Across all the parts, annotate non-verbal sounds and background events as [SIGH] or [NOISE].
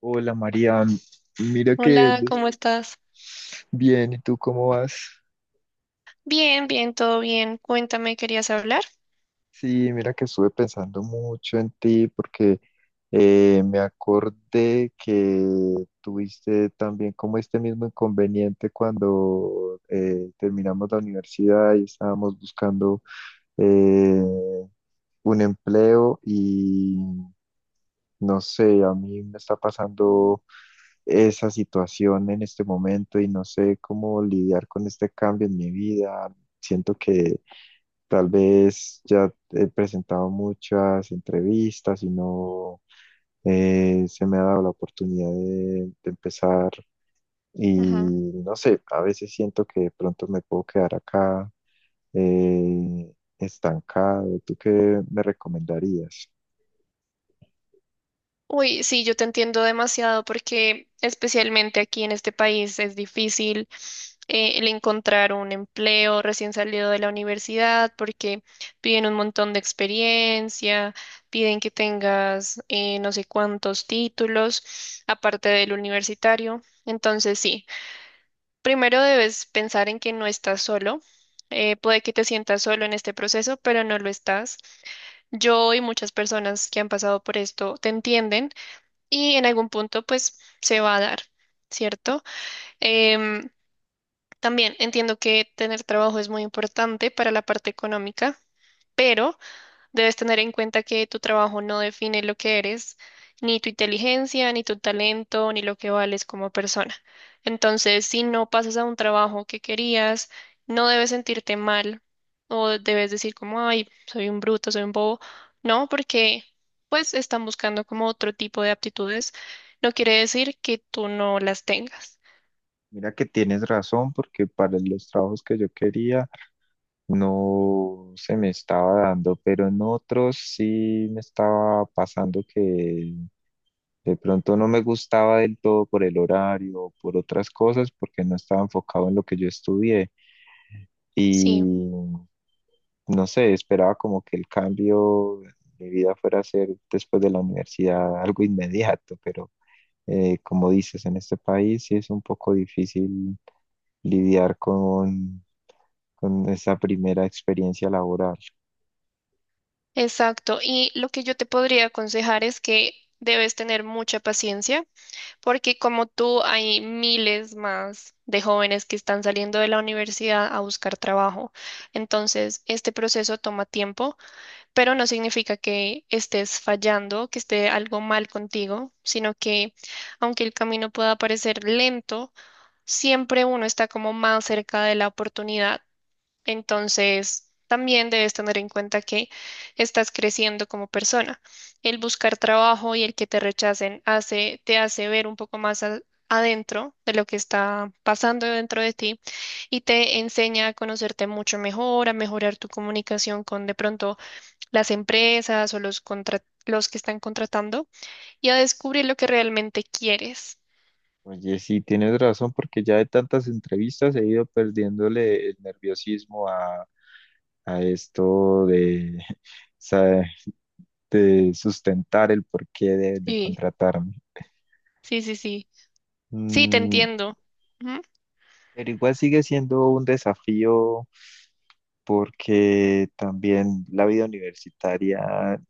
Hola María, mira que Hola, ¿cómo estás? bien, ¿y tú cómo vas? Bien, bien, todo bien. Cuéntame, ¿querías hablar? Sí, mira que estuve pensando mucho en ti porque me acordé que tuviste también como este mismo inconveniente cuando terminamos la universidad y estábamos buscando eh, un empleo. No sé, a mí me está pasando esa situación en este momento y no sé cómo lidiar con este cambio en mi vida. Siento que tal vez ya he presentado muchas entrevistas y no se me ha dado la oportunidad de empezar y Ajá. no sé, a veces siento que de pronto me puedo quedar acá eh, estancado. ¿Tú qué me recomendarías? Uy, sí, yo te entiendo demasiado porque especialmente aquí en este país es difícil, el encontrar un empleo recién salido de la universidad porque piden un montón de experiencia, piden que tengas no sé cuántos títulos aparte del universitario. Entonces, sí. Primero debes pensar en que no estás solo. Puede que te sientas solo en este proceso, pero no lo estás. Yo y muchas personas que han pasado por esto te entienden y en algún punto pues se va a dar, ¿cierto? Em, También entiendo que tener trabajo es muy importante para la parte económica, pero debes tener en cuenta que tu trabajo no define lo que eres, ni tu inteligencia, ni tu talento, ni lo que vales como persona. Entonces, si no pasas a un trabajo que querías, no debes sentirte mal o debes decir como, ay, soy un bruto, soy un bobo. No, porque pues están buscando como otro tipo de aptitudes. No quiere decir que tú no las tengas. Mira que tienes razón, porque para los trabajos que yo quería no se me estaba dando, pero en otros sí me estaba pasando que de pronto no me gustaba del todo por el horario, por otras cosas, porque no estaba enfocado en lo que yo estudié. Sí, Y no sé, esperaba como que el cambio de mi vida fuera a ser después de la universidad algo inmediato, pero como dices, en este país sí es un poco difícil lidiar con esa primera experiencia laboral. exacto. Y lo que yo te podría aconsejar es que debes tener mucha paciencia, porque como tú, hay miles más de jóvenes que están saliendo de la universidad a buscar trabajo. Entonces, este proceso toma tiempo, pero no significa que estés fallando, que esté algo mal contigo, sino que aunque el camino pueda parecer lento, siempre uno está como más cerca de la oportunidad. Entonces, también debes tener en cuenta que estás creciendo como persona. El buscar trabajo y el que te rechacen hace, te hace ver un poco más a- adentro de lo que está pasando dentro de ti y te enseña a conocerte mucho mejor, a mejorar tu comunicación con de pronto las empresas o los los que están contratando y a descubrir lo que realmente quieres. Oye, sí, tienes razón, porque ya de tantas entrevistas he ido perdiéndole el nerviosismo a esto de, [LAUGHS] sa- de sustentar el porqué de Sí, contratarme. sí, sí, sí. Sí, te Mm, entiendo. Ujú. pero igual sigue siendo un desafío porque también la vida universitaria,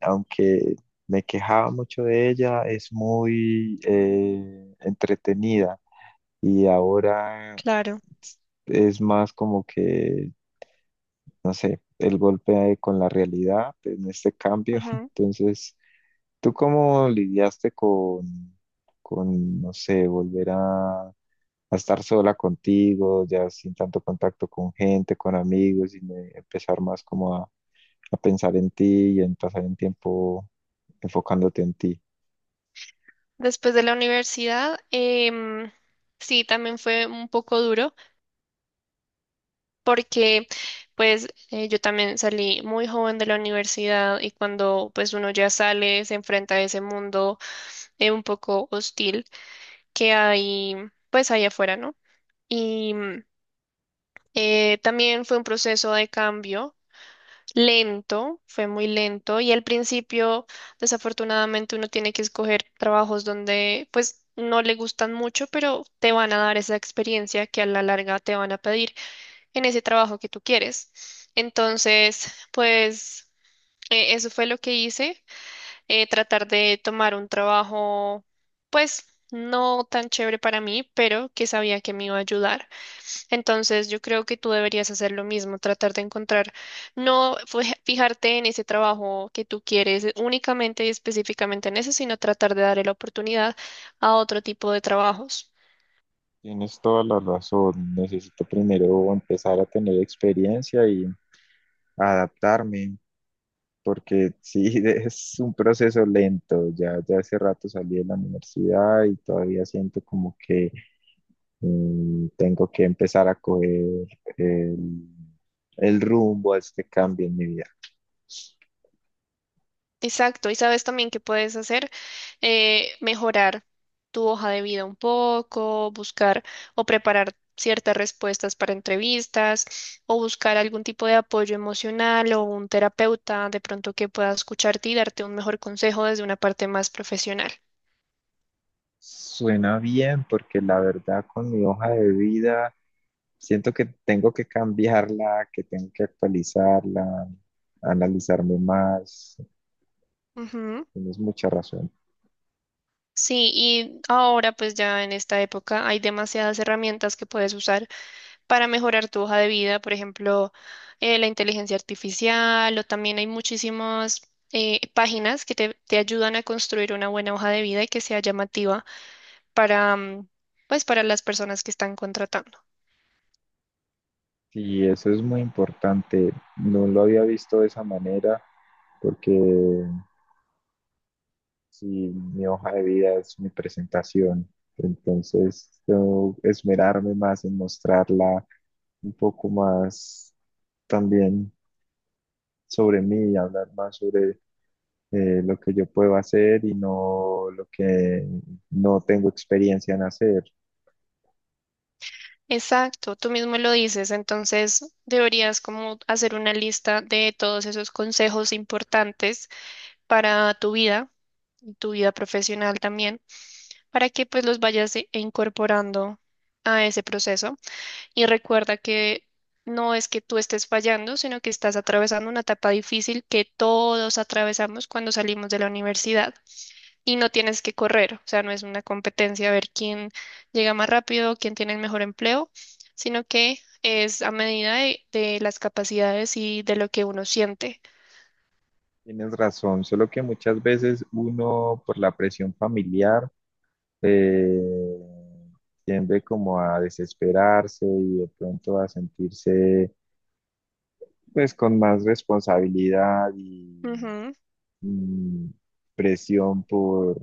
aunque me quejaba mucho de ella, es muy entretenida. Y ahora Claro. es más como que, no sé, el golpe con la realidad en este cambio. [LAUGHS] Entonces, ¿tú cómo lidiaste con, no sé, volver a estar sola contigo, ya sin tanto contacto con gente, con amigos, y empezar más como a pensar en ti y en pasar el tiempo enfocándote en ti? Después de la universidad, sí, también fue un poco duro porque pues yo también salí muy joven de la universidad y cuando pues uno ya sale se enfrenta a ese mundo, un poco hostil, que hay pues allá afuera, ¿no? Y también fue un proceso de cambio lento, fue muy lento y al principio desafortunadamente uno tiene que escoger trabajos donde pues no le gustan mucho, pero te van a dar esa experiencia que a la larga te van a pedir en ese trabajo que tú quieres. Entonces, pues eso fue lo que hice, tratar de tomar un trabajo pues no tan chévere para mí, pero que sabía que me iba a ayudar. Entonces, yo creo que tú deberías hacer lo mismo, tratar de encontrar, no fue- [LAUGHS] fijarte en ese trabajo que tú quieres únicamente y específicamente en eso, sino tratar de darle la oportunidad a otro tipo de trabajos. Tienes toda la razón. Necesito primero empezar a tener experiencia y adaptarme. Porque sí, [LAUGHS] es un proceso lento. Ya hace rato salí de la universidad y todavía siento como que tengo que empezar a coger el, el rumbo a este cambio en mi vida. Exacto, y sabes también que puedes hacer, mejorar tu hoja de vida un poco, buscar o preparar ciertas respuestas para entrevistas o buscar algún tipo de apoyo emocional o un terapeuta de pronto que pueda escucharte y darte un mejor consejo desde una parte más profesional. Suena bien porque la verdad con mi hoja de vida siento que tengo que cambiarla, que tengo que actualizarla, analizarme más. Ujú. Tienes mucha razón. Sí, y ahora pues ya en esta época hay demasiadas herramientas que puedes usar para mejorar tu hoja de vida, por ejemplo, la inteligencia artificial o también hay muchísimas páginas que te ayudan a construir una buena hoja de vida y que sea llamativa para, mm, pues, para las personas que están contratando. Sí, eso es muy importante. No lo había visto de esa manera porque si mi hoja de vida es mi presentación, entonces tengo que esmerarme más en mostrarla un poco más también sobre mí, y hablar más sobre lo que yo puedo hacer y no lo que no tengo experiencia en hacer. Exacto, tú mismo lo dices, entonces deberías como hacer una lista de todos esos consejos importantes para tu vida, y tu vida profesional también, para que pues los vayas incorporando a ese proceso. Y recuerda que no es que tú estés fallando, sino que estás atravesando una etapa difícil que todos atravesamos cuando salimos de la universidad. Y no tienes que correr, o sea, no es una competencia a ver quién llega más rápido, quién tiene el mejor empleo, sino que es a medida de las capacidades y de lo que uno siente. Tienes razón, solo que muchas veces uno por la presión familiar eh, tiende como a desesperarse y de pronto a sentirse pues con más responsabilidad y Ujú. mm, presión por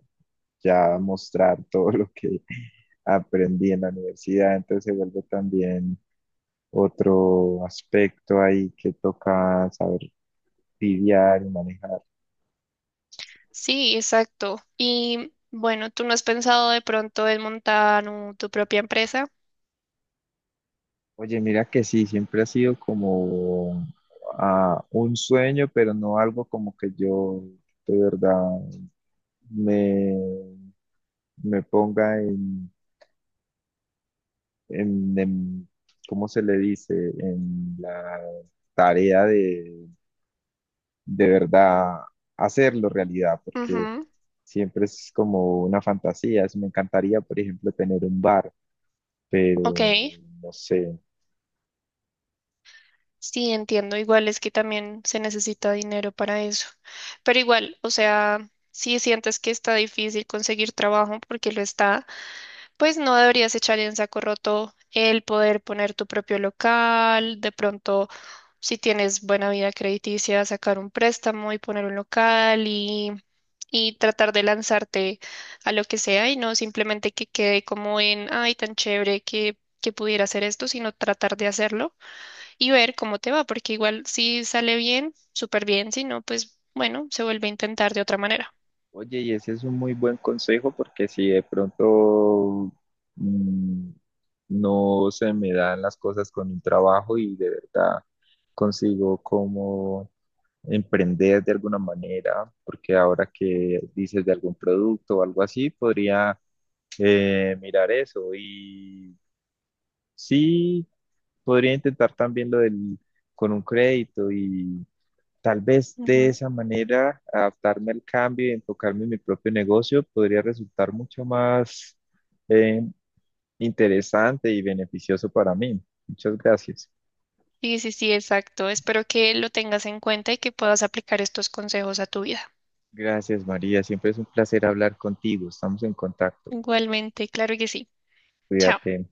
ya mostrar [LAUGHS] todo lo que [LAUGHS] aprendí en la universidad, entonces se vuelve también otro aspecto ahí que toca saber lidiar y manejar. Sí, exacto. Y bueno, ¿tú no has pensado de pronto en montar tu propia empresa? Oye, mira que sí, siempre ha sido como ah, un sueño, pero no algo como que yo de verdad me, me ponga en, en, en- ¿cómo se le dice? En la tarea de verdad hacerlo realidad, porque Ujú. siempre es como una fantasía. Me encantaría, por ejemplo, tener un bar, Ok. pero no sé. Sí, entiendo. Igual es que también se necesita dinero para eso. Pero igual, o sea, si sientes que está difícil conseguir trabajo porque lo está, pues no deberías echar en saco roto el poder poner tu propio local, de pronto, si tienes buena vida crediticia, sacar un préstamo y poner un local y tratar de lanzarte a lo que sea y no simplemente que quede como en, ay, tan chévere que pudiera hacer esto, sino tratar de hacerlo y ver cómo te va, porque igual si sale bien, súper bien, si no, pues bueno, se vuelve a intentar de otra manera. Oye, y ese es un muy buen consejo porque si de pronto mm, no se me dan las cosas con un trabajo y de verdad consigo cómo emprender de alguna manera, porque ahora que dices de algún producto o algo así, podría mirar eso y sí, podría intentar también lo del con un crédito. Tal vez de esa manera, adaptarme al cambio y enfocarme en mi propio negocio podría resultar mucho más eh, interesante y beneficioso para mí. Muchas gracias. Sí, sí, sí, exacto. Espero que lo tengas en cuenta y que puedas aplicar estos consejos a tu vida. Gracias, María. Siempre es un placer hablar contigo. Estamos en contacto. Igualmente, claro que sí. Chao. Cuídate.